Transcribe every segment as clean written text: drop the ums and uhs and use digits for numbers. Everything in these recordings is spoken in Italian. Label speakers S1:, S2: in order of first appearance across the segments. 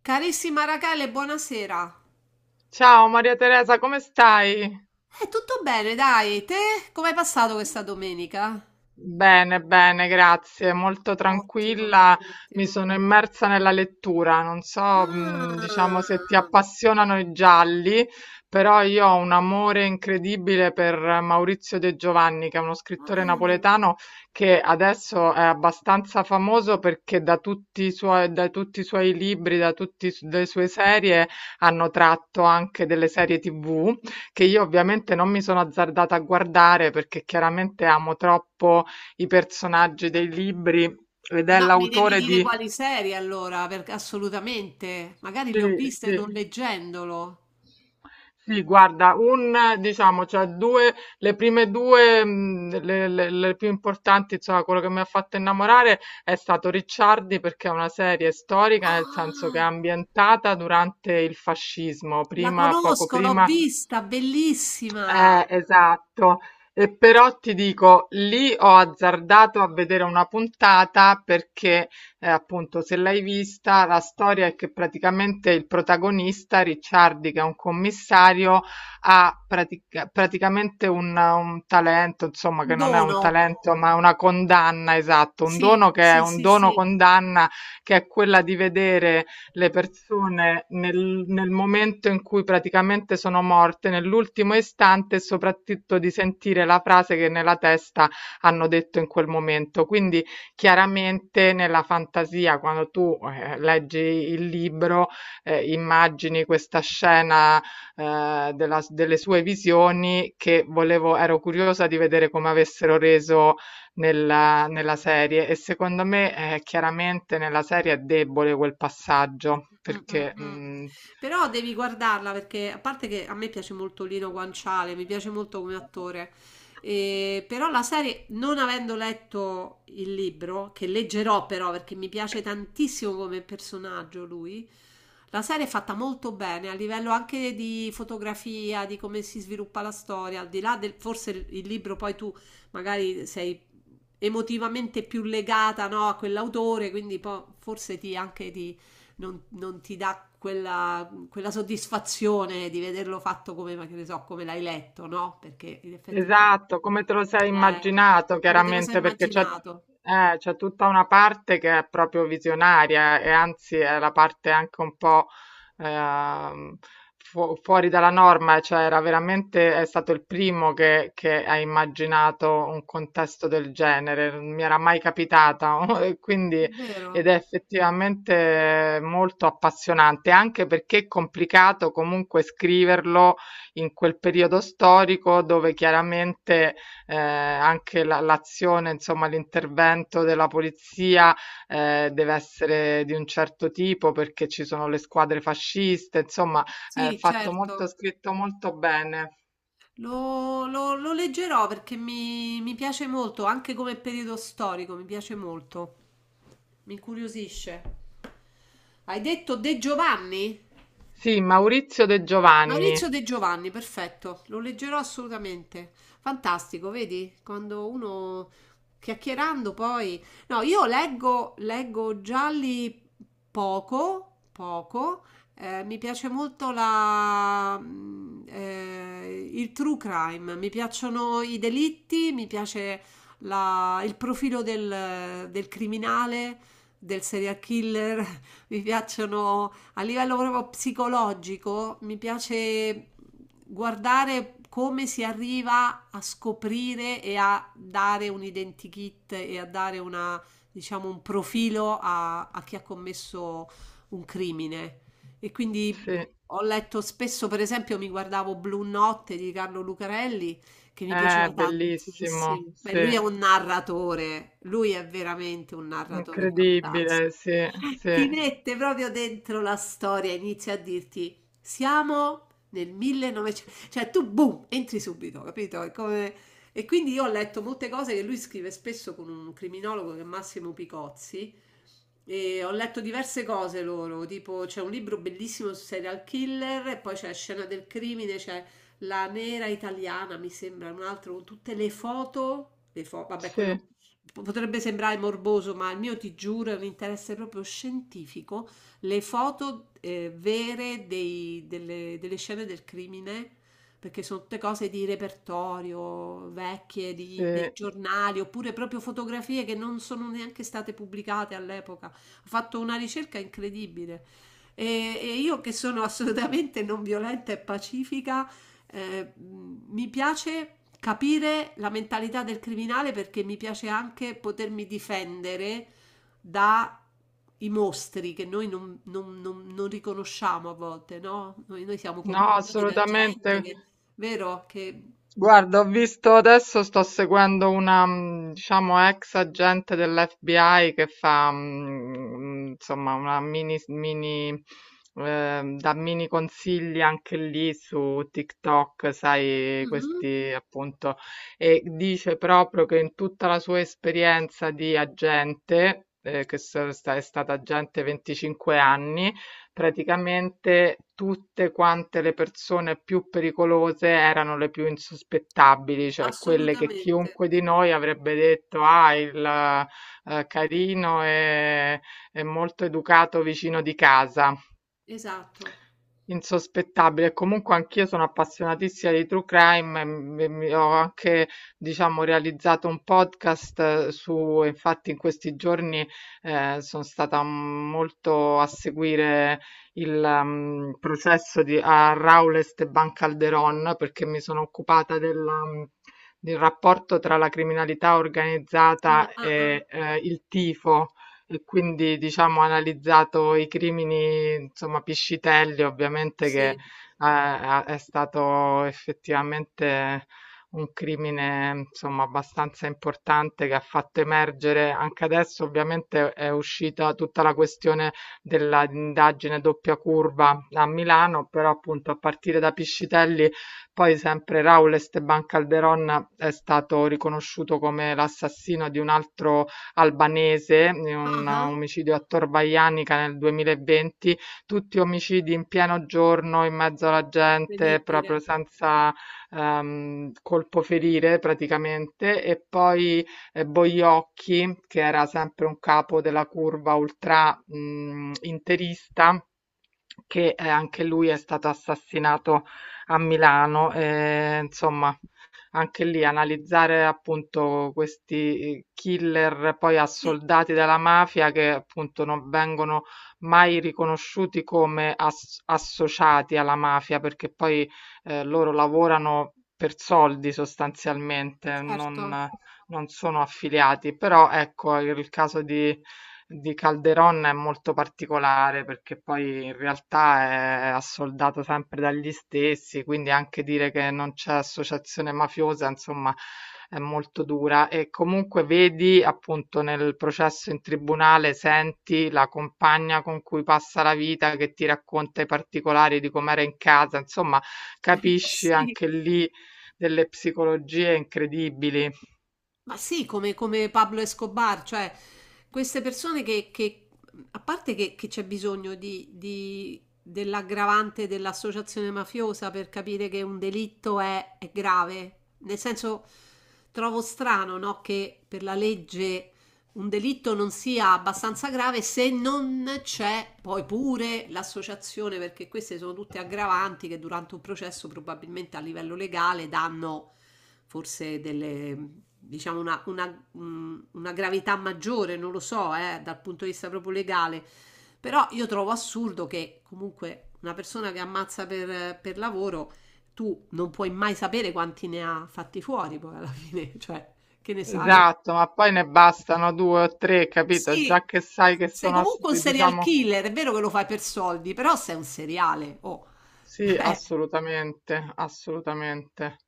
S1: Carissima Rachele, buonasera.
S2: Ciao Maria Teresa, come stai?
S1: È tutto bene, dai. Te? Come hai passato questa domenica?
S2: Bene, bene, grazie. Molto
S1: Ottimo,
S2: tranquilla, mi
S1: ottimo.
S2: sono immersa nella lettura. Non so, diciamo, se ti
S1: Ah,
S2: appassionano i gialli, però io ho un amore incredibile per Maurizio De Giovanni, che è uno scrittore
S1: ah.
S2: napoletano che adesso è abbastanza famoso perché da tutti i suoi libri, da tutte le sue serie hanno tratto anche delle serie TV che io ovviamente non mi sono azzardata a guardare perché chiaramente amo troppo i personaggi dei libri ed è
S1: No, mi devi
S2: l'autore
S1: dire
S2: di
S1: quali serie allora, perché assolutamente. Magari
S2: sì,
S1: le ho viste
S2: sì.
S1: non leggendolo.
S2: Sì, guarda, un diciamo, cioè due, le prime due, le più importanti, insomma, quello che mi ha fatto innamorare è stato Ricciardi, perché è una serie storica, nel senso che è
S1: Ah,
S2: ambientata durante il fascismo,
S1: la
S2: prima, poco
S1: conosco, l'ho
S2: prima.
S1: vista, bellissima.
S2: Esatto. E però ti dico, lì ho azzardato a vedere una puntata perché, appunto, se l'hai vista, la storia è che praticamente il protagonista, Ricciardi, che è un commissario, praticamente un talento, insomma,
S1: Un
S2: che non è un
S1: dono.
S2: talento, ma è una condanna, esatto, un
S1: Sì,
S2: dono che è
S1: sì,
S2: un
S1: sì,
S2: dono
S1: sì.
S2: condanna, che è quella di vedere le persone nel momento in cui praticamente sono morte, nell'ultimo istante, e soprattutto di sentire la frase che nella testa hanno detto in quel momento. Quindi chiaramente nella fantasia, quando tu leggi il libro, immagini questa scena delle sue visioni, che volevo, ero curiosa di vedere come avessero reso nella serie. E secondo me, chiaramente nella serie è debole quel passaggio
S1: Mm, mm,
S2: perché,
S1: mm.
S2: mhmm.
S1: Però devi guardarla perché a parte che a me piace molto Lino Guanciale, mi piace molto come attore, però la serie, non avendo letto il libro, che leggerò però perché mi piace tantissimo come personaggio lui, la serie è fatta molto bene a livello anche di fotografia, di come si sviluppa la storia, al di là del forse il libro poi tu magari sei emotivamente più legata, no, a quell'autore, quindi po- forse ti anche ti non, non ti dà quella, quella soddisfazione di vederlo fatto come, ma che ne so, come l'hai letto, no? Perché in effetti poi,
S2: Esatto, come te lo sei immaginato,
S1: come te lo sei
S2: chiaramente, perché c'è
S1: immaginato?
S2: c'è tutta una parte che è proprio visionaria, e anzi è la parte anche un po' ehm, fuori dalla norma. Cioè era veramente, è stato il primo che ha immaginato un contesto del genere, non mi era mai capitata, e
S1: È
S2: quindi ed
S1: vero?
S2: è effettivamente molto appassionante, anche perché è complicato comunque scriverlo in quel periodo storico, dove chiaramente anche l'azione, insomma, l'intervento della polizia deve essere di un certo tipo perché ci sono le squadre fasciste, insomma, è
S1: Sì,
S2: fatto molto,
S1: certo.
S2: scritto molto bene.
S1: Lo leggerò perché mi piace molto, anche come periodo storico, mi piace molto, mi incuriosisce. Hai detto De Giovanni?
S2: Sì, Maurizio De
S1: Maurizio
S2: Giovanni,
S1: De Giovanni, perfetto, lo leggerò assolutamente. Fantastico, vedi? Quando uno chiacchierando poi... No, io leggo, leggo gialli poco, poco. Mi piace molto il true crime, mi piacciono i delitti, mi piace la- il profilo del, del criminale, del serial killer, mi piacciono a livello proprio psicologico mi piace guardare come si arriva a scoprire e a dare un identikit e a dare una, diciamo, un profilo a, a chi ha commesso un crimine. E quindi
S2: sì,
S1: ho letto spesso, per esempio, mi guardavo Blu notte di Carlo Lucarelli, che mi
S2: è
S1: piaceva
S2: bellissimo,
S1: tantissimo. Beh,
S2: sì,
S1: lui è un narratore, lui è veramente un narratore fantastico.
S2: incredibile, sì, sì,
S1: Ti mette proprio dentro la storia, inizia a dirti, siamo nel 1900, cioè tu boom, entri subito, capito? È come... E quindi io ho letto molte cose che lui scrive spesso con un criminologo che è Massimo Picozzi, e ho letto diverse cose loro, tipo c'è un libro bellissimo su serial killer e poi c'è Scena del crimine, c'è La nera italiana, mi sembra, un altro con tutte le foto, le fo- vabbè,
S2: sì,
S1: quello po- potrebbe sembrare morboso, ma il mio ti giuro è un interesse proprio scientifico, le foto vere dei- delle, delle scene del crimine perché sono tutte cose di repertorio, vecchie, di, dei
S2: sì.
S1: giornali, oppure proprio fotografie che non sono neanche state pubblicate all'epoca. Ho fatto una ricerca incredibile. E, e io che sono assolutamente non violenta e pacifica, mi piace capire la mentalità del criminale perché mi piace anche potermi difendere da i mostri che noi non, non- non- non riconosciamo a volte, no? Noi siamo
S2: No,
S1: contornati da gente
S2: assolutamente.
S1: che. Vero che.
S2: Guarda, ho visto adesso, sto seguendo una, diciamo, ex agente dell'FBI, che fa, insomma, una mini, dà mini consigli anche lì su TikTok, sai,
S1: Mh-mh.
S2: questi, appunto, e dice proprio che in tutta la sua esperienza di agente, è stata agente 25 anni, praticamente tutte quante le persone più pericolose erano le più insospettabili, cioè quelle che
S1: Assolutamente,
S2: chiunque di noi avrebbe detto, ah, il carino e molto educato vicino di casa.
S1: esatto.
S2: Insospettabile. E comunque anch'io sono appassionatissima di true crime, e ho anche, diciamo, realizzato un podcast su, infatti in questi giorni sono stata molto a seguire il processo di, a Raul Esteban Calderón, perché mi sono occupata della, del rapporto tra la criminalità
S1: Ah,
S2: organizzata
S1: ah, ah.
S2: e il tifo, e quindi diciamo ho analizzato i crimini, insomma, Piscitelli, ovviamente, che
S1: Sì.
S2: è stato effettivamente un crimine, insomma, abbastanza importante, che ha fatto emergere, anche adesso ovviamente è uscita tutta la questione dell'indagine doppia curva a Milano, però appunto a partire da Piscitelli, poi sempre Raul Esteban Calderon è stato riconosciuto come l'assassino di un altro albanese, in un
S1: Ah-ah,
S2: omicidio a Torvaianica nel 2020. Tutti omicidi in pieno giorno, in mezzo alla gente, proprio
S1: incredibile.
S2: senza colpo ferire praticamente. E poi Boiocchi, che era sempre un capo della curva ultra interista, che anche lui è stato assassinato a Milano. Eh, insomma, anche lì analizzare appunto questi killer poi
S1: Sì.
S2: assoldati dalla mafia, che appunto non vengono mai riconosciuti come associati alla mafia, perché poi loro lavorano per soldi sostanzialmente,
S1: Certo.
S2: non, non sono affiliati. Però ecco, il caso di Calderon è molto particolare perché poi in realtà è assoldato sempre dagli stessi, quindi anche dire che non c'è associazione mafiosa, insomma, è molto dura. E comunque vedi, appunto, nel processo in tribunale, senti la compagna con cui passa la vita che ti racconta i particolari di com'era in casa, insomma, capisci
S1: Sì.
S2: anche lì delle psicologie incredibili.
S1: Ma sì, come come Pablo Escobar, cioè queste persone che mhmm, a parte che c'è bisogno di dell'aggravante dell'associazione mafiosa per capire che un delitto è grave, nel senso trovo strano, no, che per la legge un delitto non sia abbastanza grave se non c'è poi pure l'associazione, perché queste sono tutte aggravanti che durante un processo probabilmente a livello legale danno forse delle, diciamo una- un- una gravità maggiore, non lo so, dal punto di vista proprio legale. Però io trovo assurdo che comunque una persona che ammazza per lavoro, tu non puoi mai sapere quanti ne ha fatti fuori poi alla fine, cioè, che ne sai?
S2: Esatto, ma poi ne bastano due o tre, capito?
S1: Sì,
S2: Già che sai che
S1: sei
S2: sono,
S1: comunque un serial
S2: diciamo,
S1: killer, è vero che lo fai per soldi, però sei un seriale, oh.
S2: sì,
S1: Eh,
S2: assolutamente, assolutamente.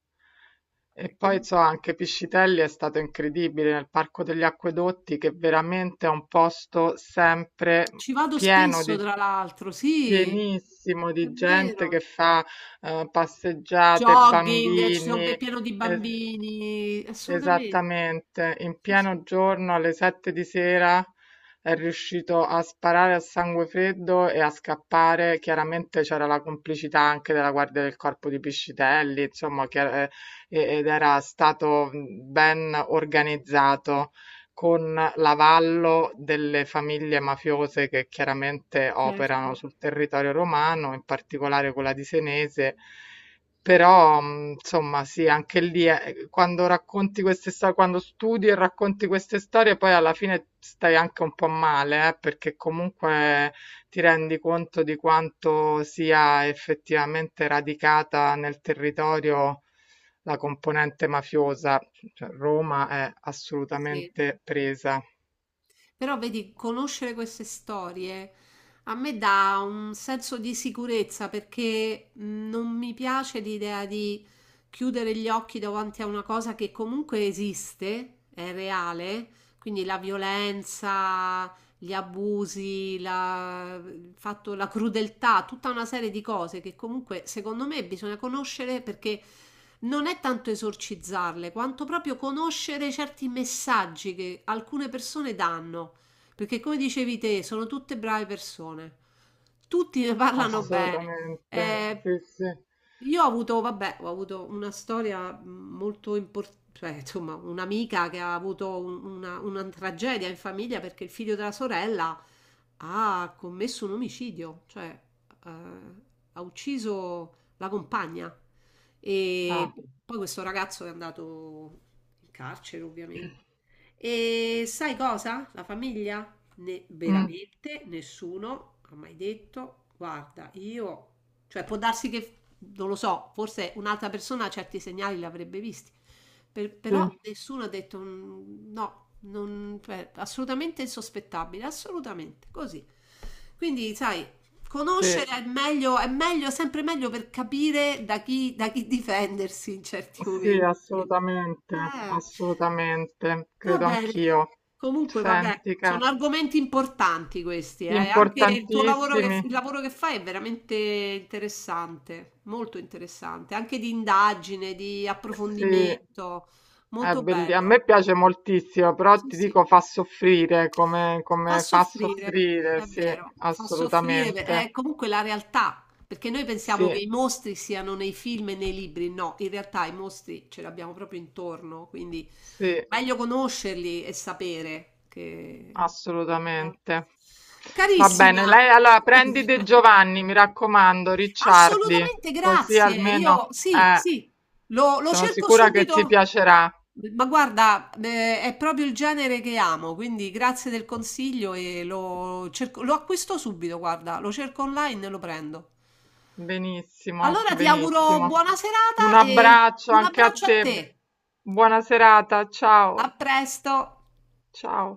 S2: E poi so anche Piscitelli è stato incredibile nel Parco degli Acquedotti, che veramente è un posto sempre
S1: ci vado
S2: pieno
S1: spesso,
S2: di,
S1: tra l'altro, sì,
S2: pienissimo
S1: è
S2: di gente che
S1: vero.
S2: fa passeggiate,
S1: Jogging, ci sono, è
S2: bambini.
S1: pieno di
S2: eh,
S1: bambini, assolutamente.
S2: Esattamente, in
S1: Sì, sì,
S2: pieno giorno alle 7 di sera è riuscito a sparare a sangue freddo e a scappare. Chiaramente c'era la complicità anche della guardia del corpo di Piscitelli, insomma, ed era stato ben organizzato con l'avallo delle famiglie mafiose che chiaramente operano
S1: certo,
S2: sul territorio romano, in particolare quella di Senese. Però, mhmm, insomma, sì, anche lì è quando racconti queste sto quando studi e racconti queste storie, poi alla fine stai anche un po' male, perché comunque ti rendi conto di quanto sia effettivamente radicata nel territorio la componente mafiosa. Cioè, Roma è
S1: sì.
S2: assolutamente presa.
S1: Però vedi, conoscere queste storie a me dà un senso di sicurezza perché non mi piace l'idea di chiudere gli occhi davanti a una cosa che comunque esiste, è reale, quindi la violenza, gli abusi, la, il fatto- la crudeltà, tutta una serie di cose che comunque secondo me bisogna conoscere perché non è tanto esorcizzarle, quanto proprio conoscere certi messaggi che alcune persone danno. Perché come dicevi te, sono tutte brave persone. Tutti ne parlano bene.
S2: Assolutamente.
S1: Eh,
S2: Sì, sì.
S1: io ho avuto, vabbè, ho avuto una storia molto importante, insomma, un'amica che ha avuto un- una tragedia in famiglia perché il figlio della sorella ha commesso un omicidio, cioè eh, ha ucciso la compagna. E
S2: Ah.
S1: poi questo ragazzo è andato in carcere, ovviamente. E sai cosa? La famiglia? Ne-
S2: Mh,
S1: veramente nessuno ha mai detto, guarda, io, cioè può darsi che, non lo so, forse un'altra persona certi segnali li avrebbe visti, per-
S2: sì,
S1: però nessuno ha detto "Mm, no, non- cioè, assolutamente insospettabile, assolutamente, così". Quindi, sai,
S2: sì.
S1: conoscere è meglio, sempre meglio per capire da chi difendersi in certi
S2: Sì,
S1: momenti.
S2: assolutamente,
S1: Eh.
S2: assolutamente,
S1: Va
S2: credo
S1: bene,
S2: anch'io.
S1: comunque vabbè,
S2: Senti,
S1: sono
S2: cara,
S1: argomenti importanti questi, eh. Anche il tuo lavoro che,
S2: importantissimi.
S1: il lavoro che fai è veramente interessante, molto interessante, anche di indagine, di
S2: Sì,
S1: approfondimento, molto
S2: a
S1: bello.
S2: me piace moltissimo, però
S1: Sì,
S2: ti
S1: sì,
S2: dico, fa soffrire, come,
S1: fa
S2: come fa
S1: soffrire,
S2: soffrire,
S1: è
S2: sì,
S1: vero, fa soffrire, per- è
S2: assolutamente.
S1: comunque la realtà, perché noi pensiamo che
S2: Sì,
S1: i mostri siano nei film e nei libri, no, in realtà i mostri ce li abbiamo proprio intorno, quindi
S2: sì,
S1: meglio conoscerli e sapere che...
S2: assolutamente. Va bene,
S1: Carissima,
S2: lei allora prendi De Giovanni, mi raccomando, Ricciardi,
S1: assolutamente
S2: così
S1: grazie.
S2: almeno
S1: Io sì, sì, lo, lo
S2: sono
S1: cerco
S2: sicura che ti
S1: subito.
S2: piacerà.
S1: Ma guarda, è proprio il genere che amo, quindi grazie del consiglio e lo cerco- lo acquisto subito, guarda, lo cerco online e lo prendo.
S2: Benissimo,
S1: Allora ti auguro
S2: benissimo.
S1: buona
S2: Un
S1: serata e
S2: abbraccio
S1: un
S2: anche a
S1: abbraccio a
S2: te.
S1: te.
S2: Buona serata. Ciao,
S1: A presto.
S2: ciao.